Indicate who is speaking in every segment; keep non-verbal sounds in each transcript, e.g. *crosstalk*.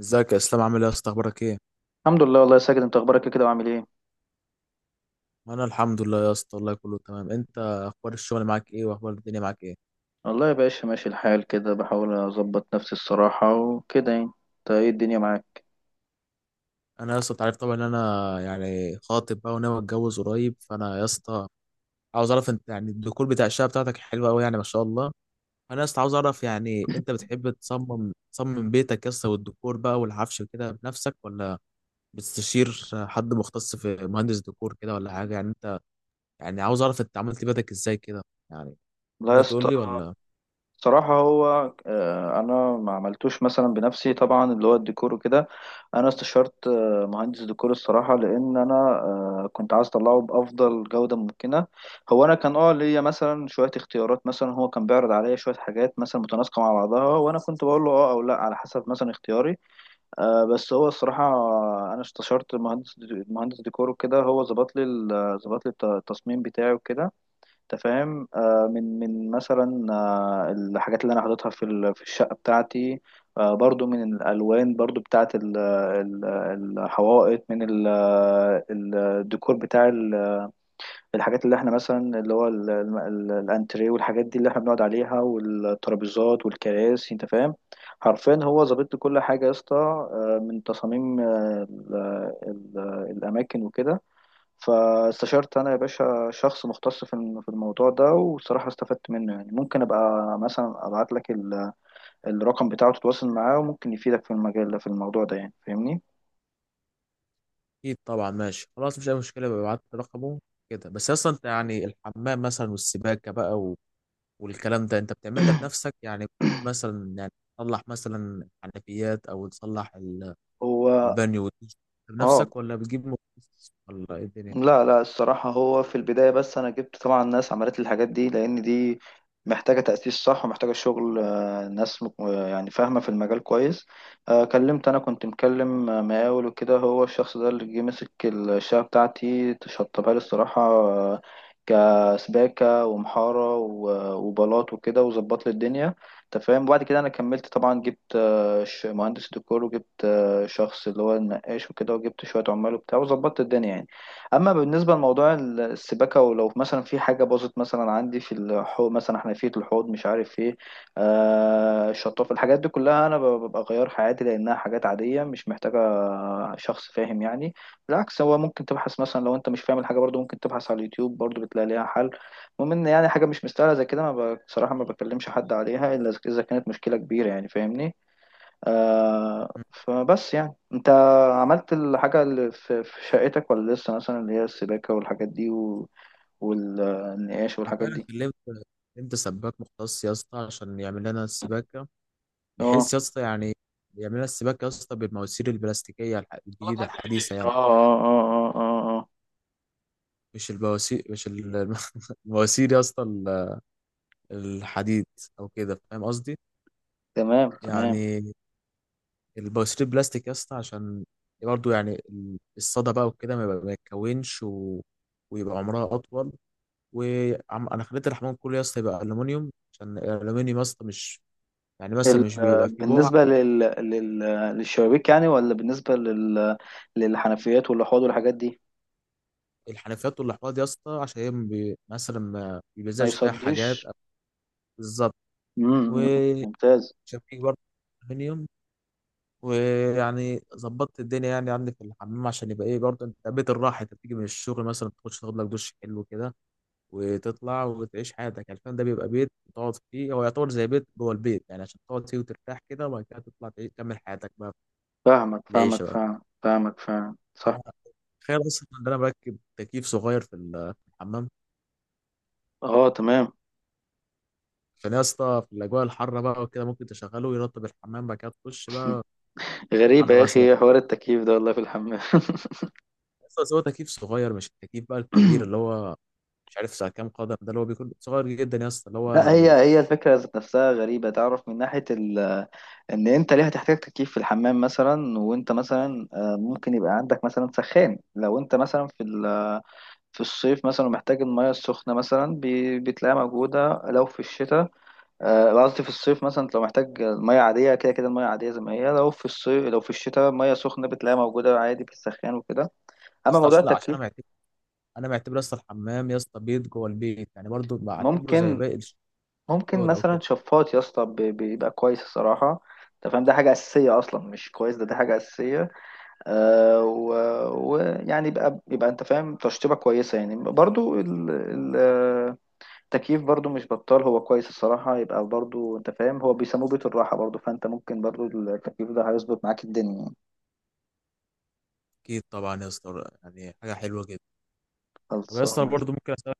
Speaker 1: ازيك يا اسلام؟ عامل ايه يا اسطى؟ اخبارك ايه؟
Speaker 2: الحمد لله والله يا ساجد، انت اخبارك إيه كده وعامل ايه؟
Speaker 1: انا الحمد لله يا اسطى والله كله تمام. انت اخبار الشغل معاك ايه؟ واخبار الدنيا معاك ايه؟
Speaker 2: والله يا باشا ماشي الحال كده، بحاول اظبط نفسي الصراحه وكده يعني. انت ايه الدنيا معاك؟
Speaker 1: انا يا اسطى انت عارف طبعا ان انا يعني خاطب بقى وناوي اتجوز قريب، فانا يا اسطى عاوز اعرف انت يعني الديكور بتاع الشقه بتاعتك حلوه قوي يعني ما شاء الله. انا يا اسطى عاوز اعرف يعني انت بتحب تصمم بيتك يا اسطى والديكور بقى والعفش كده بنفسك، ولا بتستشير حد مختص في مهندس ديكور كده ولا حاجه؟ يعني انت يعني عاوز اعرف انت عملت بيتك ازاي كده؟ يعني
Speaker 2: لا يا
Speaker 1: ممكن تقول
Speaker 2: اسطى،
Speaker 1: لي ولا؟
Speaker 2: الصراحه هو، انا ما عملتوش مثلا بنفسي طبعا اللي هو الديكور وكده. انا استشرت مهندس ديكور الصراحه، لان انا كنت عايز اطلعه بافضل جوده ممكنه. هو انا كان ليا مثلا شويه اختيارات، مثلا هو كان بيعرض عليا شويه حاجات مثلا متناسقه مع بعضها، وانا كنت بقول له اه او لا على حسب مثلا اختياري. بس هو الصراحة، أنا استشرت مهندس ديكور وكده، هو ظبط لي التصميم بتاعي وكده. أنت فاهم، من مثلا الحاجات اللي أنا حاططها في الشقة بتاعتي، برضو من الألوان، برضو بتاعت الحوائط، من ال- آه، الديكور بتاع الحاجات اللي احنا مثلا اللي هو الانتريه والحاجات دي اللي احنا بنقعد عليها والترابيزات والكراسي، انت فاهم. حرفيا هو ظابط لي كل حاجه يا اسطى، من تصاميم، الاماكن وكده. فاستشرت انا يا باشا شخص مختص في الموضوع ده، والصراحه استفدت منه يعني، ممكن ابقى مثلا ابعت لك الرقم بتاعه تتواصل معاه، وممكن يفيدك في المجال ده، في الموضوع ده يعني، فاهمني.
Speaker 1: اكيد طبعا ماشي خلاص، مش اي مشكله، ببعت رقمه كده. بس اصلا انت يعني الحمام مثلا والسباكه بقى و... والكلام ده انت بتعملها بنفسك يعني؟ مثلا يعني تصلح مثلا حنفيات او تصلح
Speaker 2: هو،
Speaker 1: البانيو والدش
Speaker 2: اه
Speaker 1: بنفسك، ولا بتجيب مختص، ولا ايه الدنيا؟
Speaker 2: لا، لا، الصراحة هو في البداية بس أنا جبت طبعا ناس عملت لي الحاجات دي، لأن دي محتاجة تأسيس صح، ومحتاجة شغل، ناس يعني فاهمة في المجال كويس. كلمت، أنا كنت مكلم مقاول وكده، هو الشخص ده اللي جه مسك الشقة بتاعتي شطبها لي الصراحة، كسباكة ومحارة وبلاط وكده، وظبط لي الدنيا، أنت فاهم. وبعد كده أنا كملت طبعا، جبت مهندس ديكور، وجبت شخص اللي هو النقاش وكده، وجبت شوية عمال وبتاع، وظبطت الدنيا يعني. اما بالنسبه لموضوع السباكه، ولو مثلا في حاجه باظت مثلا عندي في الحوض، مثلا حنفيه الحوض مش عارف ايه، الشطافه، الحاجات دي كلها انا ببقى غيرها عادي، لانها حاجات عاديه مش محتاجه شخص فاهم يعني. بالعكس، هو ممكن تبحث مثلا لو انت مش فاهم الحاجه، برضو ممكن تبحث على اليوتيوب، برضو بتلاقي ليها حل. المهم ان يعني حاجه مش مستاهله زي كده، ما بصراحه، ما بكلمش حد عليها الا إذا كانت مشكله كبيره يعني، فاهمني.
Speaker 1: مم.
Speaker 2: فبس يعني انت عملت الحاجة اللي في شقتك ولا لسه، مثلا اللي هي السباكة والحاجات دي والنقاش
Speaker 1: انا
Speaker 2: والحاجات
Speaker 1: فعلا
Speaker 2: دي؟
Speaker 1: كلمت سباك مختص يا اسطى عشان يعمل لنا السباكه،
Speaker 2: اه،
Speaker 1: بحيث يا اسطى يعني يعمل لنا السباكه يا اسطى بالمواسير البلاستيكيه الجديده الحديثه
Speaker 2: اه،
Speaker 1: يعني.
Speaker 2: اه، اه، اه، اه، اه.
Speaker 1: مش البواسير، مش ال- *laughs* المواسير يا اسطى، الحديد او كده، فاهم قصدي؟
Speaker 2: تمام، تمام.
Speaker 1: يعني البواسير بلاستيك يا اسطى، عشان برضه يعني الصدى بقى وكده ما يتكونش، و... ويبقى عمرها اطول. وانا خليت الحمام كله يا اسطى يبقى الومنيوم، عشان الالومنيوم يا اسطى مش يعني مثلا
Speaker 2: ال...
Speaker 1: مش بيبقى فيه بقع.
Speaker 2: بالنسبة للشبابيك يعني، ولا بالنسبة للحنفيات والأحواض والحاجات دي؟
Speaker 1: الحنفيات والاحواض يا اسطى عشان هي ما بي... مثلا ما
Speaker 2: ما
Speaker 1: بيلزقش فيها حاجات.
Speaker 2: يصديش.
Speaker 1: بالظبط.
Speaker 2: مم، مم.
Speaker 1: وشبكيك
Speaker 2: ممتاز.
Speaker 1: برضه الومنيوم. ويعني ظبطت الدنيا يعني عندي في الحمام، عشان يبقى ايه برضه، انت بيت الراحه، انت بتيجي من الشغل مثلا تخش تاخد لك دش حلو كده، وتطلع وتعيش حياتك. يعني الفندق ده بيبقى بيت تقعد فيه، هو يعتبر زي بيت جوه البيت يعني، عشان تقعد فيه وترتاح كده، وبعد كده تطلع تكمل حياتك بقى
Speaker 2: فاهمك،
Speaker 1: في
Speaker 2: فاهمك،
Speaker 1: العيشه بقى.
Speaker 2: فاهم، فاهمك، فاهم، صح.
Speaker 1: تخيل اصلا ان انا بركب تكييف صغير في في الحمام،
Speaker 2: اه، تمام.
Speaker 1: عشان يا اسطى في الاجواء الحاره بقى وكده ممكن تشغله ويرطب الحمام، بعد كده تخش
Speaker 2: *clears throat*
Speaker 1: بقى
Speaker 2: *laughs* غريبة
Speaker 1: حمام
Speaker 2: يا
Speaker 1: مثلا.
Speaker 2: أخي، حوار التكييف ده والله في الحمام.
Speaker 1: بس هو تكييف صغير، مش التكييف بقى الكبير
Speaker 2: *clears throat*
Speaker 1: اللي
Speaker 2: *laughs*
Speaker 1: هو مش عارف ساعة كام قدم ده، اللي هو بيكون صغير جدا يا اسطى اللي هو
Speaker 2: لا، هي
Speaker 1: يعني.
Speaker 2: هي الفكرة ذات نفسها غريبة، تعرف، من ناحية إن أنت ليه هتحتاج تكييف في الحمام مثلا؟ وأنت مثلا ممكن يبقى عندك مثلا سخان، لو أنت مثلا في الصيف مثلا محتاج المياه السخنة، مثلا بتلاقيها موجودة، لو في الشتاء. قصدي في الصيف مثلا لو محتاج مياه عادية كده، كده المياه عادية زي ما هي، لو في الصيف، لو في الشتاء مياه سخنة بتلاقيها موجودة عادي في السخان وكده.
Speaker 1: يا
Speaker 2: أما
Speaker 1: اسطى
Speaker 2: موضوع
Speaker 1: عشان
Speaker 2: التكييف،
Speaker 1: انا معتبر يا اسطى الحمام يا اسطى بيت جوه البيت يعني، برضو بعتبره زي
Speaker 2: ممكن
Speaker 1: باقي
Speaker 2: ممكن
Speaker 1: الاوض او
Speaker 2: مثلا
Speaker 1: كده.
Speaker 2: شفاط يا اسطى بيبقى كويس الصراحة، انت فاهم، ده حاجة أساسية أصلا، مش كويس، ده حاجة أساسية. آه ويعني يبقى انت فاهم تشطيبة كويسة يعني، برضو التكييف برضو مش بطال، هو كويس الصراحة، يبقى برضو انت فاهم، هو بيسموه بيت الراحة، برضو فانت ممكن، برضو التكييف ده هيظبط معاك الدنيا يعني.
Speaker 1: اكيد طبعا يا اسطى يعني حاجه حلوه جدا. طب يا اسطى
Speaker 2: خلصانة.
Speaker 1: برضو ممكن اسالك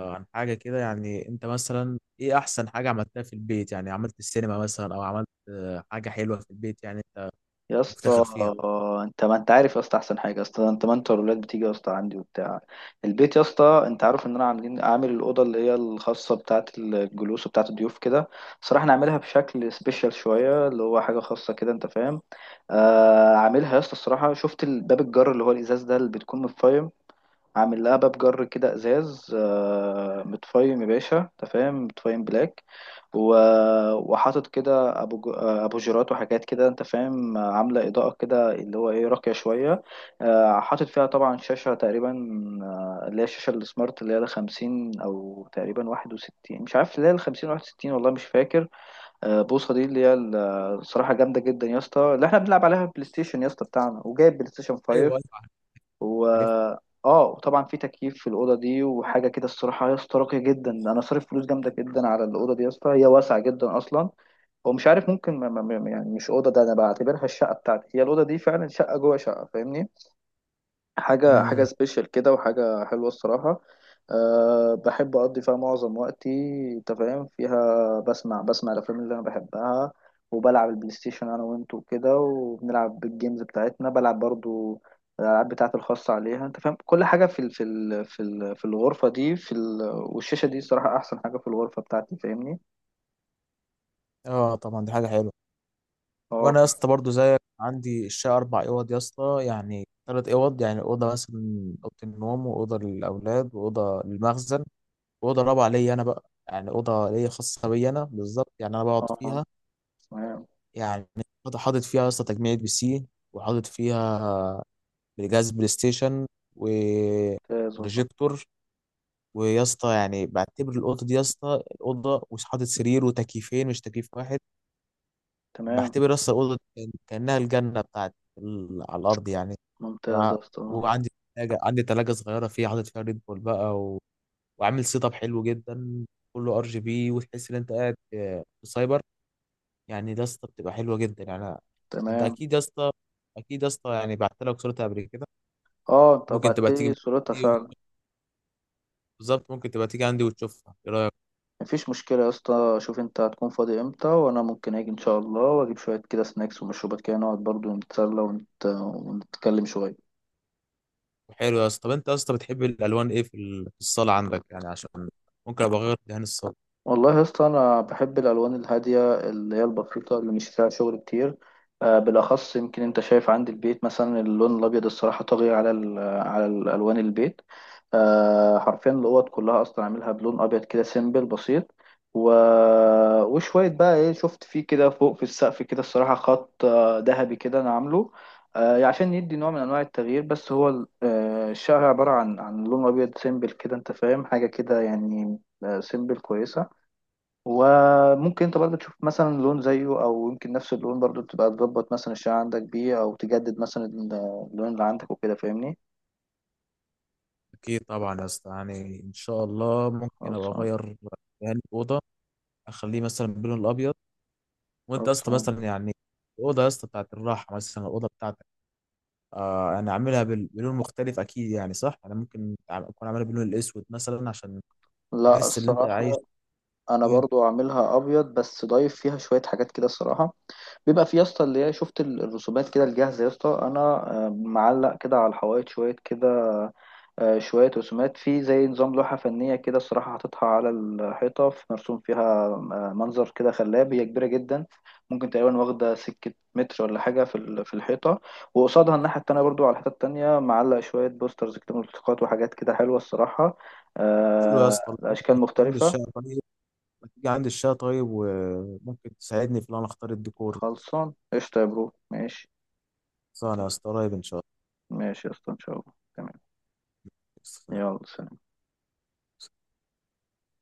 Speaker 1: عن حاجه كده؟ يعني انت مثلا ايه احسن حاجه عملتها في البيت؟ يعني عملت السينما مثلا، او عملت حاجه حلوه في البيت يعني انت
Speaker 2: يا
Speaker 1: مفتخر
Speaker 2: اسطى
Speaker 1: فيها؟
Speaker 2: انت ما انت عارف يا اسطى احسن حاجه، يا اسطى انت ما انت والولاد بتيجي يا اسطى عندي وبتاع البيت، يا اسطى انت عارف ان انا عامل الاوضه اللي هي الخاصه بتاعه الجلوس وبتاعه الضيوف كده. صراحه انا عاملها بشكل سبيشال شويه، اللي هو حاجه خاصه كده، انت فاهم. عاملها يا اسطى الصراحه، شفت الباب الجر اللي هو الازاز ده اللي بتكون متفايم، عامل لها باب جر كده ازاز، متفايم يا باشا، انت فاهم، متفايم بلاك، وحاطط كده، ابوجرات وحاجات كده، انت فاهم. عامله اضاءه كده اللي هو ايه راقيه شويه، حاطط فيها طبعا شاشه تقريبا، اللي هي الشاشه السمارت اللي هي 50 او تقريبا 61، مش عارف، اللي هي 50 61، والله مش فاكر، بوصه، دي اللي هي الصراحه جامده جدا يا اسطى، اللي احنا بنلعب عليها بلاي ستيشن يا اسطى بتاعنا، وجايب بلاي ستيشن
Speaker 1: ايوه،
Speaker 2: 5.
Speaker 1: أيوة،
Speaker 2: و
Speaker 1: عارف.
Speaker 2: اه وطبعا في تكييف في الاوضه دي وحاجه كده، الصراحه يا اسطى راقيه جدا. انا صارف فلوس جامده جدا على الاوضه دي يا اسطى، هي واسعه جدا اصلا، هو مش عارف، ممكن يعني مش اوضه ده، انا بعتبرها الشقه بتاعتي هي الاوضه دي، فعلا شقه جوه شقه، فاهمني. حاجة
Speaker 1: مم.
Speaker 2: سبيشال كده، وحاجة حلوة الصراحة. أه، بحب أقضي فيها معظم وقتي، أنت فاهم، فيها بسمع الأفلام اللي أنا بحبها، وبلعب البلاي ستيشن أنا وأنت وكده، وبنلعب الجيمز بتاعتنا، بلعب برضو الألعاب بتاعتي الخاصة عليها، أنت فاهم، كل حاجة في الغرفة دي، في ال والشاشة دي الصراحة أحسن حاجة في الغرفة بتاعتي، فاهمني؟
Speaker 1: اه، طبعا دي حاجه حلوه.
Speaker 2: أه
Speaker 1: وانا يا
Speaker 2: ف-
Speaker 1: اسطى برضه زيك عندي الشقه اربع اوض يا اسطى، يعني ثلاث اوض، يعني اوضه مثلا اوضه النوم، واوضه للاولاد، واوضه للمخزن، واوضه رابعه ليا انا بقى، يعني اوضه ليا خاصه بيا انا بالظبط، يعني انا بقعد
Speaker 2: أه،
Speaker 1: فيها
Speaker 2: تمام،
Speaker 1: يعني. حاطط فيها يا اسطى تجميع PC، وحاطط فيها جهاز بلاي ستيشن
Speaker 2: ممتاز والله،
Speaker 1: وبروجيكتور. ويا اسطى يعني بعتبر الاوضه دي يا اسطى، الاوضه مش حاطط سرير وتكييفين، مش تكييف واحد.
Speaker 2: تمام،
Speaker 1: بعتبر يا اسطى الاوضه كانها الجنه بتاعتي على الارض يعني.
Speaker 2: ممتاز يا أسطى.
Speaker 1: وعندي عندي تلاجة صغيرة فيها، حاطط فيها ريد بول بقى، و... وعامل سيت اب حلو جدا، كله RGB، وتحس ان انت قاعد في سايبر يعني. ده يا اسطى بتبقى حلوة جدا يعني انت
Speaker 2: تمام،
Speaker 1: اكيد يا اسطى، اكيد يا اسطى، يعني بعت لك صورتها قبل كده،
Speaker 2: أه، أنت
Speaker 1: ممكن تبقى
Speaker 2: بعتلي
Speaker 1: تيجي
Speaker 2: صورتها
Speaker 1: عندي،
Speaker 2: فعلا.
Speaker 1: بالظبط ممكن تبقى تيجي عندي وتشوفها، ايه رايك؟
Speaker 2: مفيش مشكلة يا اسطى، شوف انت هتكون فاضي امتى، وانا ممكن اجي ان شاء الله، واجيب شوية كده سناكس ومشروبات كده، نقعد برضو نتسلى ونتكلم شوية.
Speaker 1: حلو يا اسطى. طب انت يا اسطى بتحب الالوان ايه في في الصالة عندك يعني؟ عشان ممكن ابقى اغير دهان الصالة.
Speaker 2: والله يا اسطى انا بحب الالوان الهاديه اللي هي البسيطه اللي مش فيها شغل كتير، بالاخص يمكن انت شايف عندي البيت مثلا اللون الابيض الصراحه طاغي على الالوان البيت. حرفيا الاوض كلها اصلا عاملها بلون ابيض كده سيمبل بسيط، و... وشويه بقى ايه، شفت فيه كده فوق في السقف كده الصراحه خط ذهبي كده انا عامله، يعني عشان يدي نوع من انواع التغيير. بس هو الشقه عباره عن لون ابيض سيمبل كده، انت فاهم حاجه كده يعني، سيمبل كويسه. وممكن انت برضه تشوف مثلا لون زيه، او يمكن نفس اللون برضه تبقى تظبط مثلا الشعر عندك بيه، او تجدد مثلا اللون اللي عندك وكده، فاهمني.
Speaker 1: اكيد طبعا يا اسطى يعني ان شاء الله ممكن ابقى
Speaker 2: خلصان،
Speaker 1: اغير دهان الاوضة، اخليه مثلا باللون الابيض. وانت يا اسطى
Speaker 2: خلصان.
Speaker 1: مثلا يعني الاوضه يا اسطى بتاعت الراحه، مثلا الاوضه بتاعتك آه، انا عاملها بلون مختلف، اكيد يعني، صح؟ انا ممكن اكون عاملها باللون الاسود مثلا عشان
Speaker 2: لا،
Speaker 1: تحس ان انت عايش.
Speaker 2: الصراحة انا
Speaker 1: إيه.
Speaker 2: برضو عاملها ابيض، بس ضايف فيها شوية حاجات كده الصراحة. بيبقى في يا اسطى اللي هي، شفت الرسومات كده الجاهزه يا اسطى، انا معلق كده على الحوائط شويه كده، شويه رسومات في زي نظام لوحه فنيه كده، الصراحه حاططها على الحيطه، في مرسوم فيها منظر كده خلاب، هي كبيره جدا، ممكن تقريبا واخده سكه متر ولا حاجه في الحيطه. وقصادها الناحيه التانيه برضو، على الحيطه التانيه معلق شويه بوسترز كده، ملصقات وحاجات كده حلوه الصراحه،
Speaker 1: حلو يا اسطى، لو انت
Speaker 2: اشكال
Speaker 1: ما تيجي عند
Speaker 2: مختلفه.
Speaker 1: الشقه طيب، ما تيجي عند الشقه طيب وممكن تساعدني في ان انا اختار الديكور.
Speaker 2: خلصان، قشطه يا برو، ماشي،
Speaker 1: صح يا اسطى، قريب ان شاء
Speaker 2: ماشي يا اسطى، ان شاء الله، تمام.
Speaker 1: الله
Speaker 2: يلا، سلام.